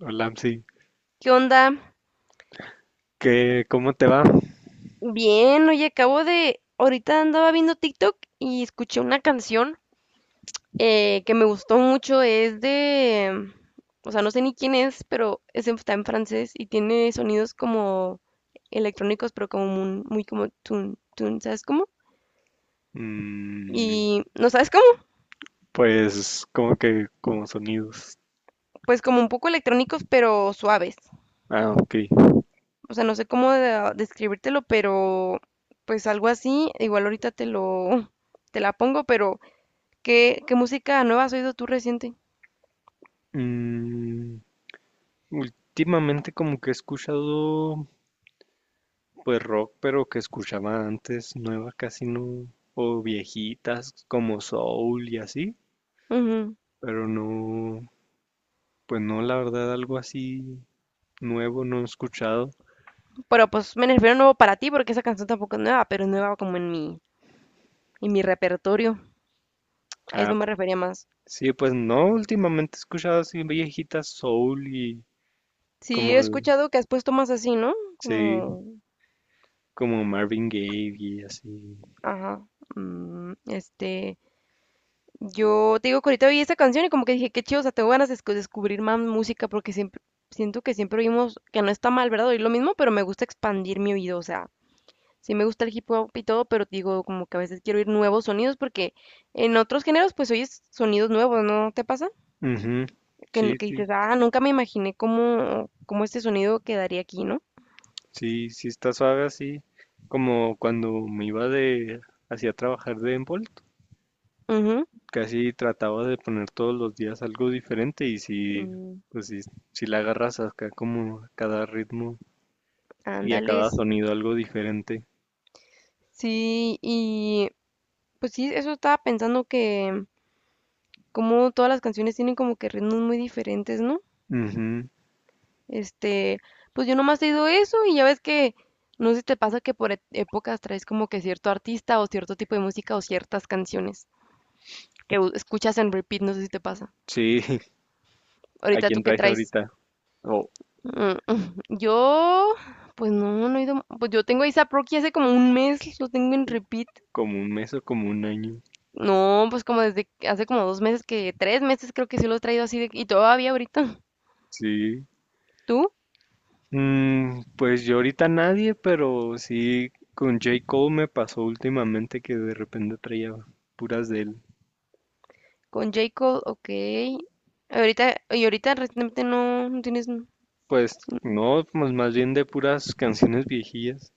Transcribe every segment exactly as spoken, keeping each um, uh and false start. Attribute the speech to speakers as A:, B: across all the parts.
A: Hola, Amsi.
B: ¿Qué onda?
A: ¿Qué, cómo te va?
B: Bien, oye, acabo de, ahorita andaba viendo TikTok y escuché una canción eh, que me gustó mucho, es de, o sea, no sé ni quién es, pero es en- está en francés y tiene sonidos como electrónicos, pero como muy, muy como tun, tun, ¿sabes cómo?
A: Mm,
B: Y, ¿no sabes cómo?
A: pues, como que, como sonidos.
B: Pues como un poco electrónicos, pero suaves.
A: Ah, ok.
B: O sea, no sé cómo de- describírtelo, pero pues algo así, igual ahorita te lo, te la pongo, pero... ¿Qué, qué música nueva has oído tú reciente?
A: Mm, Últimamente como que he escuchado, pues, rock, pero que escuchaba antes, nueva casi no, o viejitas como soul y así,
B: Ujú.
A: pero no, pues no, la verdad, algo así nuevo no he escuchado.
B: Pero pues me refiero a nuevo para ti porque esa canción tampoco es nueva, pero es nueva como en mi, en mi repertorio. A
A: Ah,
B: eso me refería más.
A: sí, pues no, últimamente he escuchado así viejitas soul y
B: Sí,
A: como,
B: he escuchado que has puesto más así, ¿no?
A: sí.
B: Como,
A: Como Marvin Gaye y así.
B: ajá, mm, este, yo te digo que ahorita oí esa canción y como que dije, qué chido, o sea, tengo ganas de escu- descubrir más música porque siempre, siento que siempre oímos, que no está mal, ¿verdad? Oír lo mismo, pero me gusta expandir mi oído, o sea, sí me gusta el hip hop y todo, pero digo como que a veces quiero oír nuevos sonidos porque en otros géneros pues oyes sonidos nuevos, ¿no te pasa?
A: Ujú.
B: Que,
A: Sí,
B: que
A: sí,
B: dices, ah, nunca me imaginé cómo, cómo este sonido quedaría aquí, ¿no?
A: sí, sí está suave así. Como cuando me iba de hacía trabajar de Envolt,
B: Ujú,
A: casi trataba de poner todos los días algo diferente y sí,
B: mm,
A: pues sí, sí la agarras acá como a cada ritmo y a cada
B: ándales.
A: sonido algo diferente.
B: Sí, y pues sí, eso estaba pensando que como todas las canciones tienen como que ritmos muy diferentes, ¿no?
A: Ujú.
B: Este, pues yo nomás he ido eso y ya ves que no sé si te pasa que por e- épocas traes como que cierto artista o cierto tipo de música o ciertas canciones, que u- escuchas en repeat, no sé si te pasa.
A: Sí, ¿a
B: Ahorita
A: quién
B: tú qué
A: traes
B: traes.
A: ahorita? O
B: Mm, mm. Yo, pues no, no he ido. Pues yo tengo a ASAP Rocky hace como un mes, lo tengo en repeat.
A: como un mes o como un año.
B: No, pues como desde que- hace como dos meses, que tres meses creo que sí lo he traído así de, y todavía ahorita.
A: Sí.
B: ¿Tú?
A: Mm, pues yo ahorita nadie, pero sí con J. Cole me pasó últimamente que de repente traía puras de él.
B: Con J. Cole, ok. Ahorita, y ahorita recientemente no, no tienes.
A: Pues no, pues más bien de puras canciones viejillas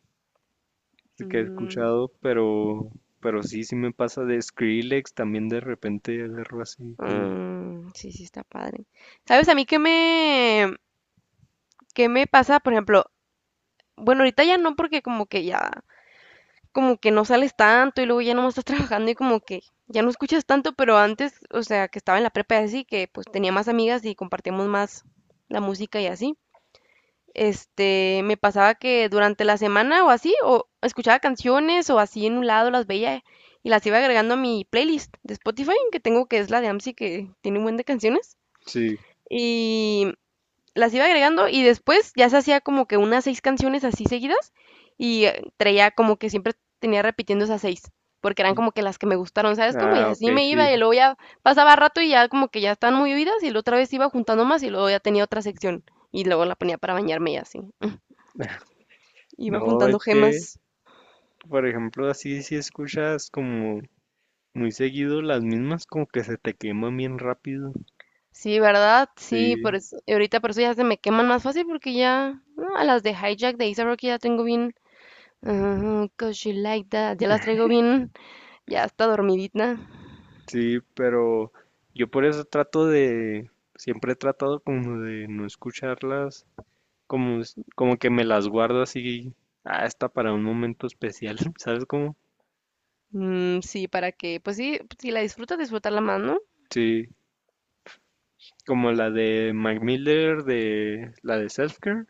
A: que he
B: Mm,
A: escuchado, pero, pero sí, sí me pasa de Skrillex, también de repente agarro así como,
B: mm, sí, sí, está padre. ¿Sabes a mí qué me, qué me pasa? Por ejemplo, bueno, ahorita ya no, porque como que ya, como que no sales tanto y luego ya nomás estás trabajando y como que ya no escuchas tanto, pero antes, o sea, que estaba en la prepa y así, que pues tenía más amigas y compartíamos más la música y así. Este, me pasaba que durante la semana o así, o escuchaba canciones o así en un lado las veía y las iba agregando a mi playlist de Spotify, que tengo que es la de AMSI, que tiene un buen de canciones.
A: sí,
B: Y las iba agregando y después ya se hacía como que unas seis canciones así seguidas y eh, traía como que siempre tenía repitiendo esas seis, porque eran como que las que me gustaron, ¿sabes? Como y
A: ah, ok,
B: así me iba
A: sí.
B: y luego ya pasaba rato y ya como que ya estaban muy oídas y la otra vez iba juntando más y luego ya tenía otra sección y luego la ponía para bañarme y así. Iba
A: No,
B: juntando
A: es que,
B: gemas.
A: por ejemplo, así si escuchas como muy seguido las mismas, como que se te queman bien rápido.
B: Sí, ¿verdad? Sí, por
A: Sí,
B: eso- y ahorita por eso ya se me queman más fácil porque ya ah, a las de Hijack de Isa Rocky ya tengo bien... ah, 'cause you like that, ya las traigo bien, ya está dormidita.
A: sí, pero yo por eso trato de, siempre he tratado como de no escucharlas, como, es- como que me las guardo así, ah, esta para un momento especial, ¿sabes cómo?
B: Mm, sí, para que, pues sí, si la disfrutas, disfrutarla más, ¿no?
A: Sí, como la de Mac Miller, de la de Self Care,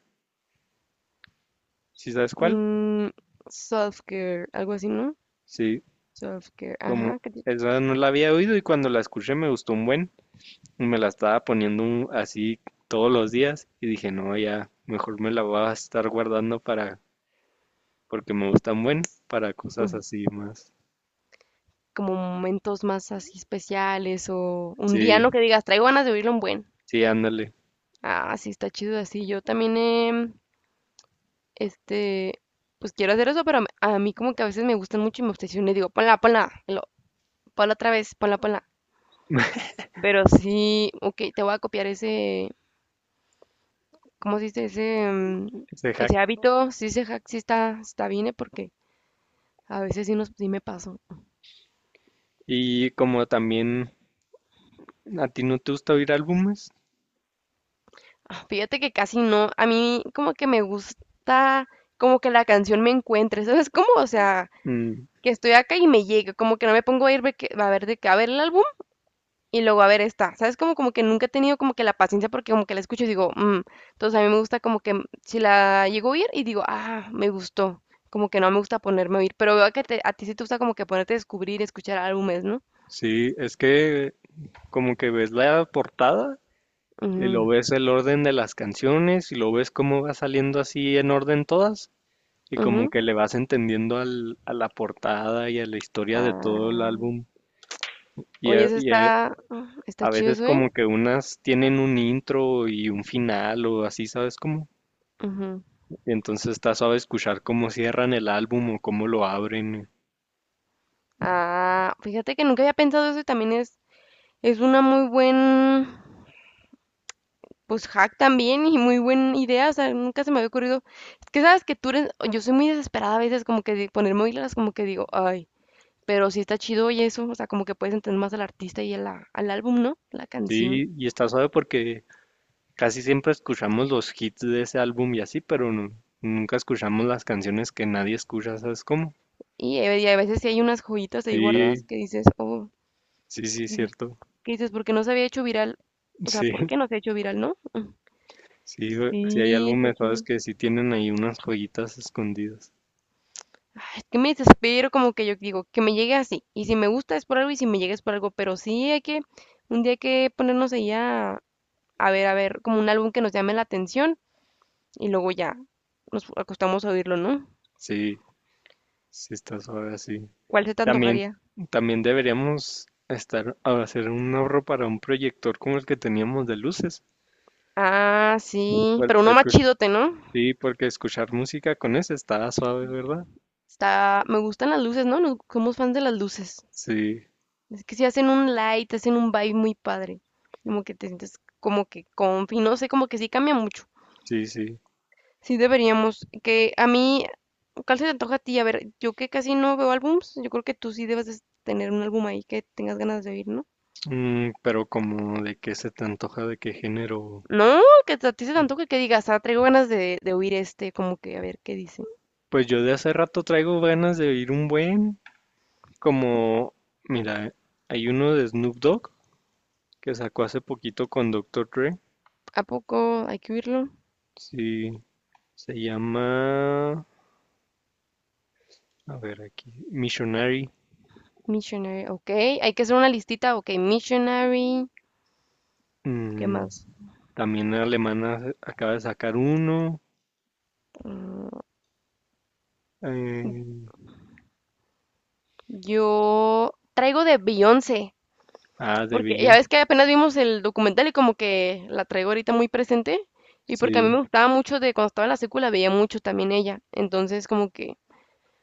A: ¿sí sabes cuál?
B: Mm, self-care, algo así, ¿no?
A: Sí,
B: Self-care,
A: como
B: ajá, que ti-
A: esa no la había oído y cuando la escuché me gustó un buen, y me la estaba poniendo un- así todos los días y dije, no, ya, mejor me la voy a estar guardando para porque me gustan buen para cosas
B: ujú,
A: así más.
B: como momentos más así especiales o un día,
A: Sí,
B: ¿no? Que digas, traigo ganas de oírlo un buen.
A: sí, ándale.
B: Ah, sí, está chido así. Yo también, em, este, pues quiero hacer eso, pero a mí a mí como que a veces me gustan mucho y me obsesiono y digo, ponla, ponla, y lo- ponla otra vez, ponla, ponla. Pero sí, ok, te voy a copiar ese, ¿cómo se dice? Ese, mm,
A: Ese hack.
B: ese hábito, sí, se jac- sí está, está bien, ¿eh? Porque a veces sí, nos, sí me paso.
A: Y como también a ti no te gusta oír álbumes,
B: Ah, fíjate que casi no, a mí como que me gusta como que la canción me encuentre, ¿sabes cómo? O sea,
A: mm,
B: que estoy acá y me llegue, como que no me pongo a ir ve que- a ver de que a ver el álbum y luego a ver esta, ¿sabes? Como, como que nunca he tenido como que la paciencia porque como que la escucho y digo, "Mm", entonces a mí me gusta como que mm, si la llego a oír y digo, ah, me gustó, como que no me gusta ponerme a oír, pero veo que te- a ti sí te gusta como que ponerte a descubrir, escuchar álbumes, ¿no?
A: sí, es que como que ves la portada y lo
B: Ujú,
A: ves el orden de las canciones y lo ves cómo va saliendo así en orden todas y como
B: ujú.
A: que le vas entendiendo al- a la portada y a la historia de todo
B: Ah,
A: el álbum y,
B: oye,
A: a,
B: eso
A: y a-
B: está, ah, está
A: a
B: chido
A: veces
B: eso, ¿eh?
A: como que unas tienen un intro y un final o así, ¿sabes cómo?
B: Ujú.
A: Y entonces está suave escuchar cómo cierran el álbum o cómo lo abren.
B: Ah, fíjate que nunca había pensado eso y también es, es una muy buen, pues hack también y muy buena idea, o sea, nunca se me había ocurrido. Es que sabes que tú eres, yo soy muy desesperada a veces, como que de ponerme oílas, como que digo, ay, pero sí está chido y eso, o sea, como que puedes entender más al artista y a la- al álbum, ¿no? La canción.
A: Sí, y está suave porque casi siempre escuchamos los hits de ese álbum y así, pero nu- nunca escuchamos las canciones que nadie escucha, ¿sabes cómo?
B: Y, eh, y a veces sí hay unas joyitas ahí guardadas
A: Sí,
B: que dices, oh.
A: sí, sí, cierto.
B: Que dices, ¿por qué no se había hecho viral? O sea,
A: Sí,
B: ¿por qué no se ha hecho viral, no? Mm.
A: sí, güey, sí hay
B: Sí, está
A: álbumes suaves
B: chido.
A: que sí tienen ahí unas joyitas escondidas.
B: Ay, es que me desespero como que yo digo, que me llegue así. Y si me gusta es por algo y si me llega es por algo. Pero sí hay que, un día hay que ponernos ahí a, a ver, a ver, como un álbum que nos llame la atención y luego ya nos acostamos a oírlo, ¿no?
A: Sí, sí está suave así.
B: ¿Cuál se te
A: También,
B: antojaría?
A: también deberíamos estar a hacer un ahorro para un proyector como el que teníamos de luces.
B: Ah, sí,
A: Bueno,
B: pero uno más chidote, ¿no?
A: sí, porque escuchar música con ese está suave, ¿verdad?
B: Está, me gustan las luces, ¿no? Nos- somos fans de las luces.
A: Sí,
B: Es que si hacen un light, hacen un vibe muy padre. Como que te sientes como que confi, no sé, como que sí cambia mucho.
A: sí, sí.
B: Sí deberíamos, que a mí, ¿cuál se te antoja a ti? A ver, yo que casi no veo álbums, yo creo que tú sí debes de tener un álbum ahí que tengas ganas de oír, ¿no?
A: Mm, pero como de qué se te antoja, de qué género.
B: No, que a ti se te antoje que digas, ah, traigo ganas de, de oír este, como que a ver qué dice.
A: Pues yo de hace rato traigo ganas de oír un buen, como, mira, hay uno de Snoop Dogg que sacó hace poquito con Doctor Dre.
B: ¿A poco hay que oírlo?
A: Sí, se llama, a ver aquí, Missionary.
B: Missionary, ok. Hay que hacer una listita, ok. Missionary, ¿qué
A: Mm,
B: más?
A: también la alemana acaba de sacar uno.
B: Mm,
A: eh,
B: yo traigo de Beyoncé.
A: ah, de
B: Porque ya
A: Beyoncé.
B: ves que apenas vimos el documental y como que la traigo ahorita muy presente. Y porque a mí me
A: Sí.
B: gustaba mucho de cuando estaba en la secuela, veía mucho también ella. Entonces como que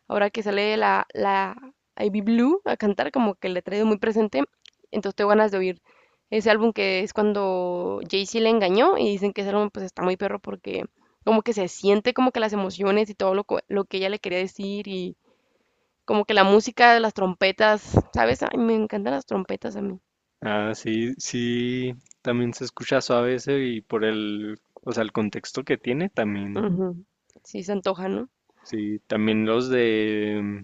B: ahora que sale la, la Ivy Blue a cantar, como que la traigo muy presente. Entonces tengo ganas de oír ese álbum que es cuando Jay-Z le engañó y dicen que ese álbum pues está muy perro porque como que se siente como que las emociones y todo lo, co- lo que ella le quería decir y como que la música de las trompetas, ¿sabes? Ay, me encantan las trompetas a mí.
A: Ah, sí, sí, también se escucha suave ese y por el, o sea, el contexto que tiene también.
B: Ujú. Sí, se antoja, ¿no?
A: Sí, también los de mm,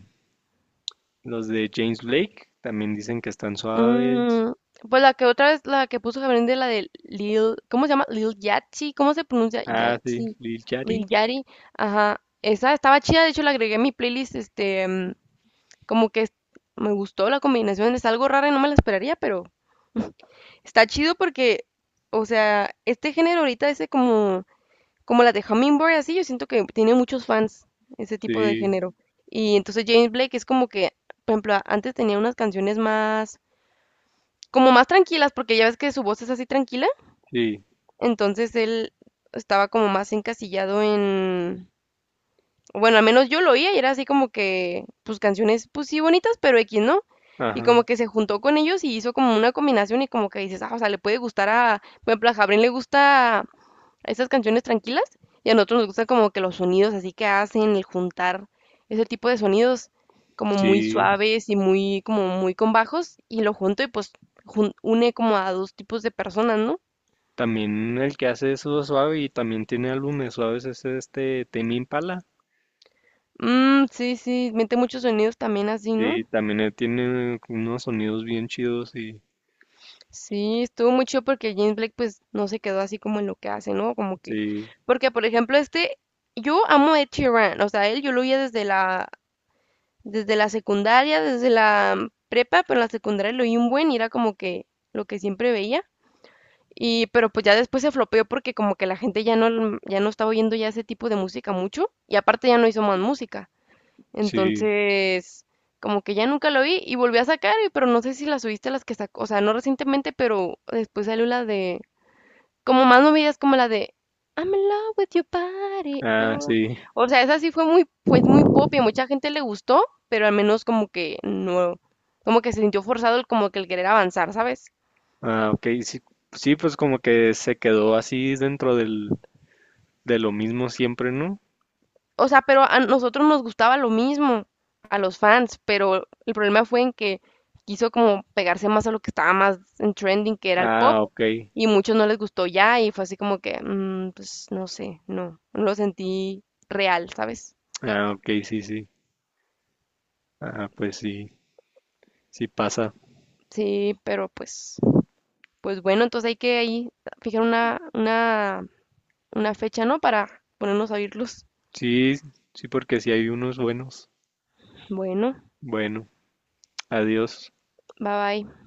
A: los de James Blake también dicen que están suaves.
B: Mm, pues la que otra vez, la que puso Gabriel de la de Lil, ¿cómo se llama? Lil Yachty, ¿cómo se pronuncia?
A: Ah, sí,
B: Yachty,
A: Lil Yachty.
B: Lil Yachty, ajá, esa estaba chida, de hecho la agregué a mi playlist, este, mm, como que es- me gustó la combinación, es algo rara y no me la esperaría, pero está chido porque, o sea, este género ahorita ese como como las de Hummingbird, así, yo siento que tiene muchos fans ese tipo de
A: Sí,
B: género. Y entonces James Blake es como que, por ejemplo, a- antes tenía unas canciones más, como más tranquilas, porque ya ves que su voz es así tranquila,
A: sí,
B: entonces él estaba como más encasillado en, bueno, al menos yo lo oía y era así como que, pues canciones, pues sí bonitas, pero X, ¿no? Y
A: ajá,
B: como que se juntó con ellos y hizo como una combinación y como que dices, ah, o sea, le puede gustar a, por ejemplo, a Jabrín le gusta esas canciones tranquilas y a nosotros nos gusta como que los sonidos así que hacen, el juntar ese tipo de sonidos como muy
A: sí.
B: suaves y muy como muy con bajos y lo junto y pues jun- une como a dos tipos de personas, ¿no?
A: También el que hace eso suave y también tiene álbumes suaves es este Tame Impala.
B: Mm, sí, sí, mete muchos sonidos también así, ¿no?
A: Sí, también él tiene unos sonidos bien chidos y
B: Sí, estuvo muy chido porque James Blake pues no se quedó así como en lo que hace, ¿no? Como que
A: sí,
B: porque por ejemplo este yo amo a Ed Sheeran, o sea, él yo lo oía desde la desde la secundaria, desde la prepa, pero en la secundaria lo oí un buen y era como que lo que siempre veía. Y, pero pues ya después se flopeó porque como que la gente ya no, mm, ya no estaba oyendo ya ese tipo de música mucho y aparte ya no hizo más música.
A: sí.
B: Entonces, como que ya nunca lo oí y volví a sacar, y- pero no sé si las oíste las que sacó, o sea, no recientemente, pero después salió la de como más movidas como la de I'm in love with your body.
A: Ah,
B: Oh.
A: sí.
B: O sea, esa sí fue muy, pues muy pop y a mucha gente le gustó, pero al menos como que no, como que se sintió forzado el como que el querer avanzar, ¿sabes?
A: Ah, ok, sí, sí, pues como que se quedó así dentro del, de lo mismo siempre, ¿no?
B: O sea, pero a nosotros nos gustaba lo mismo, a los fans, pero el problema fue en que quiso como pegarse más a lo que estaba más en trending, que era el pop,
A: Ah, ok,
B: y muchos no les gustó ya, y fue así como que, mm, pues no sé, no, no lo sentí real, ¿sabes?
A: ah, ok, sí, sí, ah, pues sí, sí pasa,
B: Sí, pero pues. Pues bueno, entonces hay que ahí fijar una, una, una fecha, ¿no? Para ponernos a oírlos.
A: sí, sí, porque sí hay unos buenos.
B: Bueno,
A: Bueno, adiós.
B: bye bye.